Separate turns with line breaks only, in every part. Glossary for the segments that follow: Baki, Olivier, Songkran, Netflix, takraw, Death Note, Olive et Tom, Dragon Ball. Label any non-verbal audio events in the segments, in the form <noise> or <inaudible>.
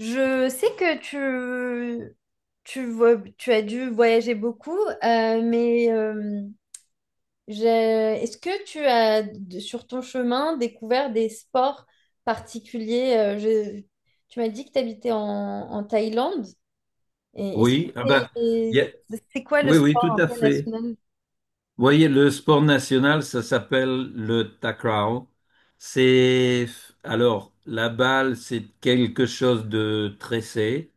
Je sais que tu as dû voyager beaucoup, mais j'ai- est-ce que tu as, sur ton chemin, découvert des sports particuliers? Tu m'as dit que tu habitais en Thaïlande. Et est-ce que
Oui, ah ben, il
t'es-
y a-
c'est quoi le
oui, oui,
sport
tout
un
à
peu
fait.
national?
Vous voyez, le sport national, ça s'appelle le takraw. C'est, alors, la balle, c'est quelque chose de tressé,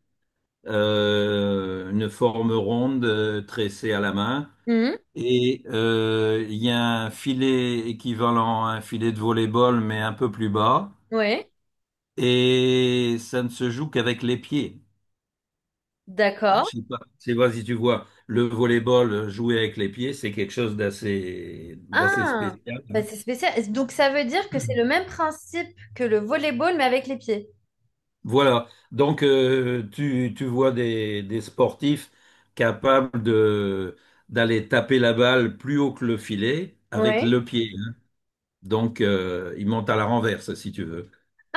une forme ronde tressée à la main.
Oui,
Et il y a un filet équivalent à un filet de volley-ball, mais un peu plus bas.
ouais,
Et ça ne se joue qu'avec les pieds. Alors,
d'accord.
je sais pas si tu vois, le volleyball joué avec les pieds, c'est quelque chose d'assez
Ah,
spécial,
bah,
hein.
c'est spécial. Donc ça veut dire que c'est le
<clears throat>
même principe que le volleyball, mais avec les pieds.
Voilà. Donc, tu, tu vois des sportifs capables de d'aller taper la balle plus haut que le filet avec
Ouais.
le pied, hein. Donc, ils montent à la renverse, si tu veux.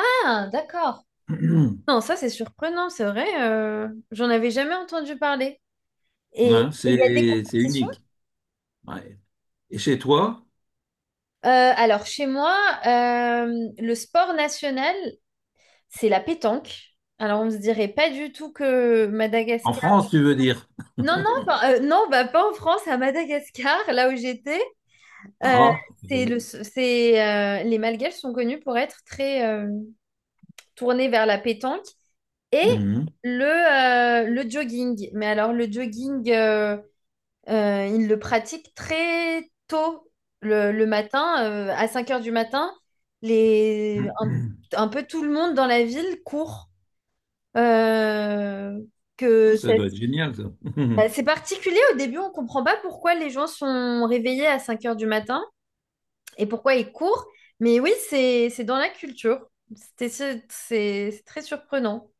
Ah, d'accord.
<clears throat>
Non, ça c'est surprenant, c'est vrai. J'en avais jamais entendu parler. Et
Hein,
il y a des
c'est
compétitions?
unique. Ouais. Et chez toi,
Euh, alors chez moi, euh, le sport national, c'est la pétanque. Alors on se dirait pas du tout que
en
Madagascar.
France, tu veux dire?
Non, non, non, bah, pas en France, à Madagascar, là où j'étais. Euh,
Ah, bon.
les Malgaches sont connus pour être très tournés vers la pétanque et
Mhm.
le, le jogging. Mais alors le jogging. Ils le pratiquent très tôt le matin, à 5 heures du matin. Les, un,
<clears throat>
un peu tout le monde dans la ville court. Euh, que
Ça
ça-
doit être génial, ça.
Bah,
<laughs>
c'est particulier au début, on comprend pas pourquoi les gens sont réveillés à 5 heures du matin et pourquoi ils courent. Mais oui, c'est dans la culture. C'était, c'est très surprenant.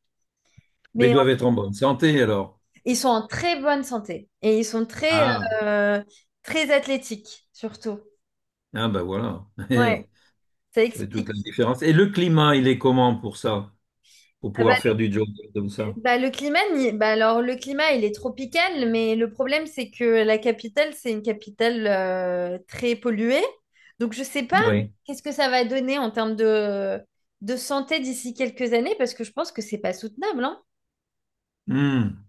Mais ils
Mais
doivent être en bonne santé alors.
ils sont en très bonne santé et ils sont très,
Ah,
euh, très athlétiques, surtout.
ah ben voilà.
Ouais,
<laughs>
ça
Ça fait toute
explique.
la différence. Et le climat, il est comment pour ça? Pour
Ah, bah,
pouvoir faire du jogging comme ça?
bah, le climat, bah, alors le climat, il est tropical, mais le problème, c'est que la capitale, c'est une capitale très polluée. Donc, je sais pas
Oui.
qu'est-ce que ça va donner en termes de santé d'ici quelques années, parce que je pense que c'est pas soutenable, hein.
Hmm.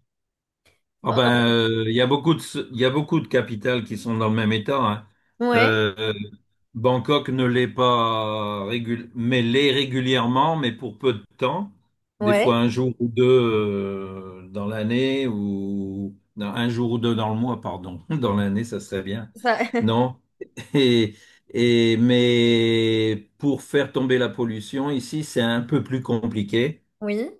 Ah ben, il y a beaucoup de, il y a beaucoup de capitales qui sont dans le même état, hein.
Ouais,
Euh, euh, Bangkok ne l'est pas régul- mais l'est régulièrement, mais pour peu de temps. Des
ouais,
fois un jour ou deux dans l'année ou non, un jour ou deux dans le mois, pardon. <laughs> Dans l'année, ça serait bien.
ça, <laughs>
Non. Et, et mais pour faire tomber la pollution ici, c'est un peu plus compliqué
oui.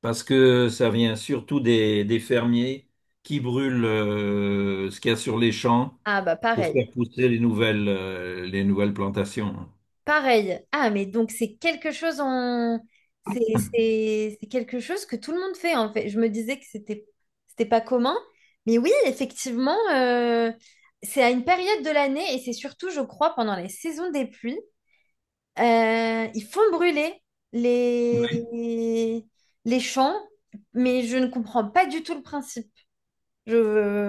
parce que ça vient surtout des fermiers qui brûlent ce qu'il y a sur les champs
Ah bah
pour
pareil.
faire pousser les nouvelles plantations.
Pareil. Ah, mais donc c'est quelque chose
<clears throat>
c'est quelque chose que tout le monde fait, en fait. Je me disais que c'était pas commun. Mais oui, effectivement, c'est à une période de l'année et c'est surtout, je crois, pendant les saisons des pluies, ils font brûler
Oui,
les... les champs, mais je ne comprends pas du tout le principe. Je...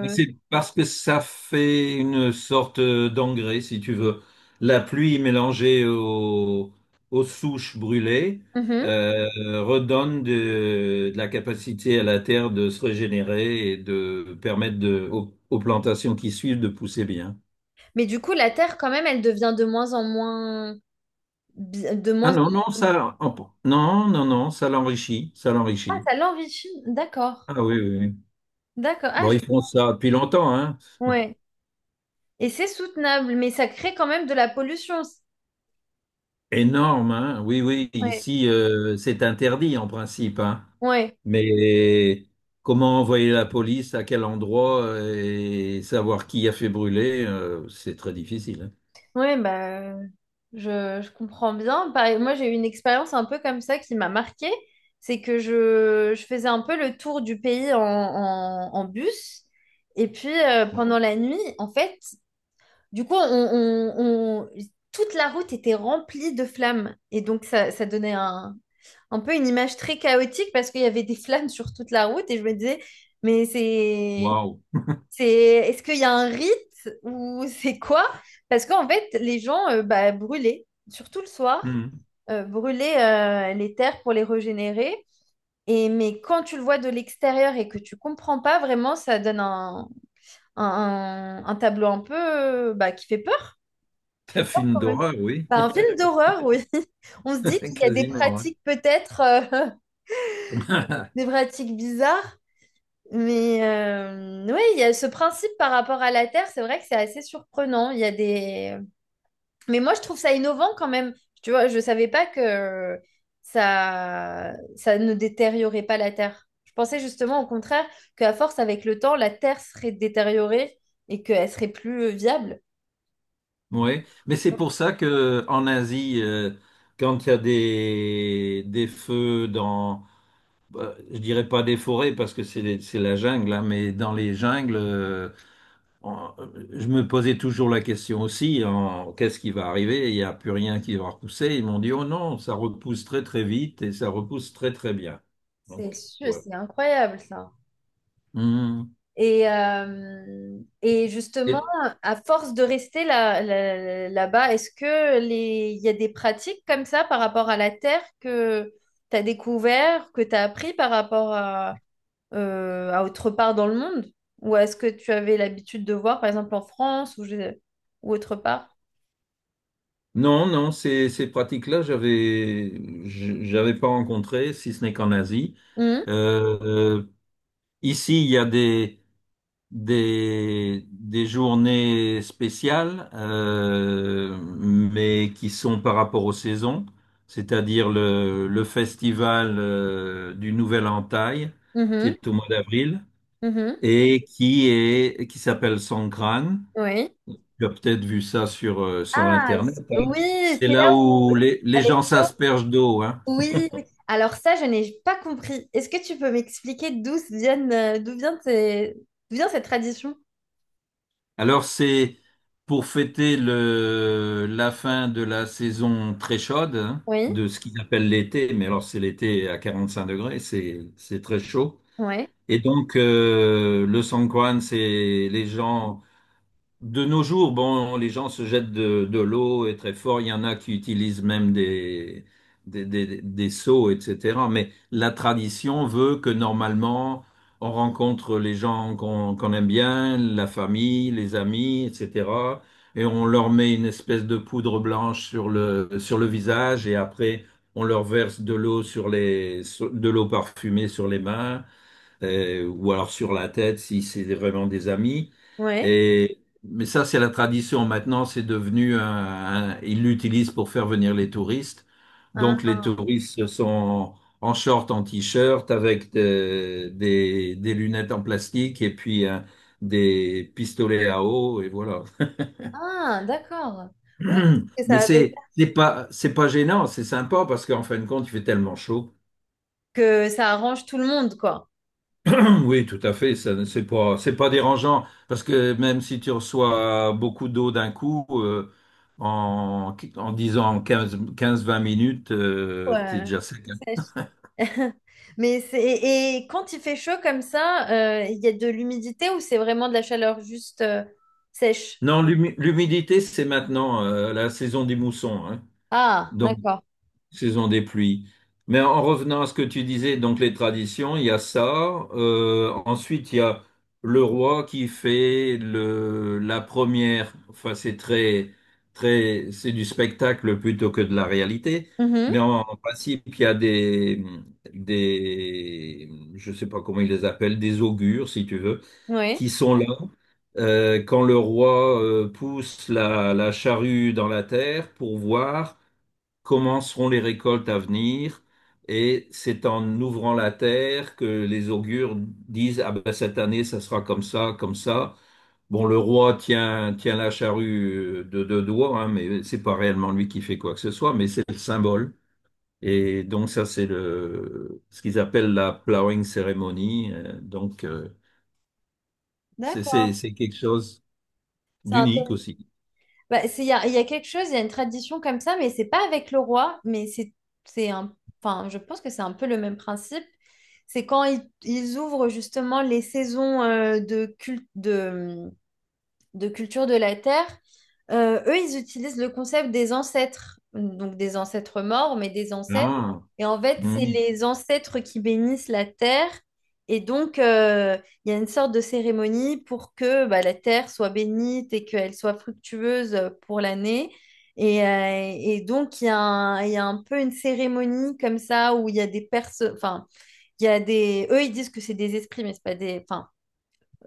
mais c'est parce que ça fait une sorte d'engrais, si tu veux. La pluie mélangée au- Aux souches brûlées
Mhm.
euh, redonne de la capacité à la terre de se régénérer et de aux, aux plantations qui suivent de pousser bien.
Mais du coup, la terre, quand même, elle devient de
Ah
moins en
non, non,
moins.
ça, oh, bon, non, non, non, ça l'enrichit, ça
Ah,
l'enrichit.
ça l'enrichit. D'accord.
Ah oui, oui, oui.
D'accord.
Bon, ils font ça depuis longtemps, hein. <laughs>
Ouais. Et c'est soutenable, mais ça crée quand même de la pollution.
Énorme, hein. Oui, oui,
Ouais.
ici, c'est interdit en principe, hein.
Ouais.
Mais comment envoyer la police, à quel endroit et savoir qui a fait brûler, c'est très difficile, hein.
Ouais, bah, je comprends bien. Pareil, moi, j'ai eu une expérience un peu comme ça qui m'a marquée. C'est que je faisais un peu le tour du pays en bus. Et puis, pendant la nuit, en fait, du coup, toute la route était remplie de flammes. Et donc, ça donnait un peu une image très chaotique parce qu'il y avait des flammes sur toute la route et je me disais, mais
Waouh.
est-ce qu'il y a un rite ou <laughs> c'est quoi? Parce qu'en fait, les gens bah, brûlaient, surtout le soir,
Hum.
brûlaient les terres pour les régénérer. Et, mais quand tu le vois de l'extérieur et que tu comprends pas vraiment, ça donne un tableau un peu bah, qui fait
Un
peur
film
quand même.
d'horreur, oui,
Bah, un film d'horreur, oui. <laughs> On se dit
<laughs>
qu'il y a des
quasiment, hein.
pratiques peut-être
<laughs>
des pratiques bizarres. Mais oui, il y a ce principe par rapport à la Terre, c'est vrai que c'est assez surprenant. Il y a des... Mais moi, je trouve ça innovant quand même. Tu vois, je ne savais pas que ça ne détériorait pas la Terre. Je pensais justement au contraire qu'à force, avec le temps, la Terre serait détériorée et qu'elle serait plus viable.
Oui, mais c'est pour ça que en Asie, quand il y a des feux dans, bah, je dirais pas des forêts parce que c'est la jungle, hein, mais dans les jungles, on- je me posais toujours la question aussi, en, qu'est-ce qui va arriver? Il n'y a plus rien qui va repousser. Ils m'ont dit, oh non, ça repousse très très vite et ça repousse très très bien.
C'est
Donc,
sûr,
ouais.
c'est incroyable ça.
Hmm.
Et justement,
Et-
à force de rester là, là, là-bas, est-ce que il y a des pratiques comme ça par rapport à la terre que tu as découvert, que tu as appris par rapport à autre part dans le monde? Ou est-ce que tu avais l'habitude de voir, par exemple, en France ou, ou autre part?
non, non, ces, ces pratiques-là, j'avais pas rencontré, si ce n'est qu'en Asie.
Mhm,
Euh, euh, ici, il y a des journées spéciales, mais qui sont par rapport aux saisons, c'est-à-dire le festival du Nouvel Entaille, qui
mhm,
est au mois d'avril,
mhm,
et qui est, qui s'appelle Songkran.
oui.
Tu as peut-être vu ça sur, sur
Ah,
Internet.
oui,
C'est
c'est
là
là où,
où les gens
avec
s'aspergent d'eau, hein.
oui, oui. Alors ça, je n'ai pas compris. Est-ce que tu peux m'expliquer d'où vient cette tradition?
Alors c'est pour fêter le, la fin de la saison très chaude, hein,
Oui,
de ce qu'ils appellent l'été, mais alors c'est l'été à 45 degrés, c'est très chaud.
oui,
Et donc le Songkran, c'est les gens de nos jours, bon, les gens se jettent de l'eau et très fort. Il y en a qui utilisent même des, des seaux, etc. Mais la tradition veut que normalement, on rencontre les gens qu'on aime bien, la famille, les amis, etc. Et on leur met une espèce de poudre blanche sur le visage et après, on leur verse de l'eau sur les, de l'eau parfumée sur les mains ou alors sur la tête si c'est vraiment des amis.
oui.
Et, mais ça, c'est la tradition. Maintenant, c'est devenu un, ils l'utilisent pour faire venir les touristes.
Ah,
Donc, les touristes sont en short, en t-shirt, avec des lunettes en plastique et puis des pistolets à eau, et voilà.
ah, d'accord. Oui, que
<clears throat> Mais
ça avait...
c'est pas gênant, c'est sympa parce qu'en fin de compte, il fait tellement chaud.
que ça arrange tout le monde, quoi.
Oui, tout à fait. C'est pas dérangeant parce que même si tu reçois beaucoup d'eau d'un coup, en, en disant 15, 20 minutes, t'es
Ouais.
déjà sec, hein.
Sèche. <laughs> Mais c'est et quand il fait chaud comme ça, il y a de l'humidité ou c'est vraiment de la chaleur juste sèche?
Non, l'humidité, c'est maintenant, la saison des moussons, hein.
Ah,
Donc,
d'accord.
saison des pluies. Mais en revenant à ce que tu disais, donc les traditions, il y a ça. Ensuite, il y a le roi qui fait le, la première. Enfin, c'est très, très, c'est du spectacle plutôt que de la réalité.
Mhm.
Mais en, en principe, il y a des, je sais pas comment ils les appellent, des augures, si tu veux,
Oui,
qui sont là. Quand le roi pousse la, la charrue dans la terre pour voir comment seront les récoltes à venir. Et c'est en ouvrant la terre que les augures disent, ah ben cette année, ça sera comme ça, comme ça. Bon, le roi tient la charrue de deux doigts, hein, mais c'est pas réellement lui qui fait quoi que ce soit, mais c'est le symbole. Et donc ça, c'est le, ce qu'ils appellent la plowing ceremony. Donc
d'accord.
c'est quelque chose d'unique aussi.
Bah, il y a quelque chose, il y a une tradition comme ça, mais c'est pas avec le roi, mais enfin, je pense que c'est un peu le même principe. C'est quand ils ouvrent justement les saisons de culture de la Terre, eux, ils utilisent le concept des ancêtres, donc des ancêtres morts, mais des ancêtres.
Ah,
Et en fait, c'est
mm.
les ancêtres qui bénissent la terre. Et donc, il y a une sorte de cérémonie pour que bah, la terre soit bénite et qu'elle soit fructueuse pour l'année. Et donc, il y a un peu une cérémonie comme ça où il y a des personnes, enfin, il y a des, eux, ils disent que c'est des esprits, mais c'est pas des, enfin,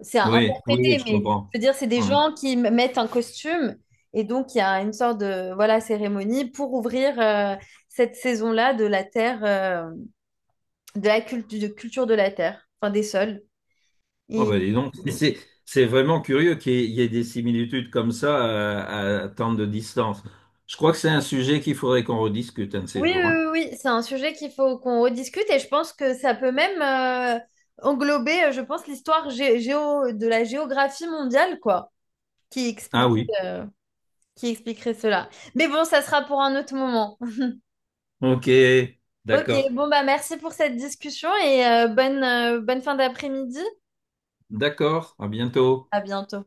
c'est à
Oui, oui, oui,
interpréter,
je
mais je
comprends.
veux dire, c'est des
Ouais.
gens qui mettent un costume et donc il y a une sorte de voilà cérémonie pour ouvrir cette saison-là de la terre, de culture de la terre, enfin des sols.
Oh
Et-
bah dis donc, <laughs>
Oui,
c'est vraiment curieux qu'il y ait des similitudes comme ça à tant de distance. Je crois que c'est un sujet qu'il faudrait qu'on rediscute un de ces
oui,
jours, hein.
oui, oui, c'est un sujet qu'il faut qu'on rediscute et je pense que ça peut même englober, je pense, l'histoire géo de la géographie mondiale, quoi, qui
Ah
explique,
oui,
euh, qui expliquerait cela. Mais bon, ça sera pour un autre moment.
ok,
Ok,
d'accord,
bon bah merci pour cette discussion et bonne fin d'après-midi.
d'accord, à bientôt.
À bientôt.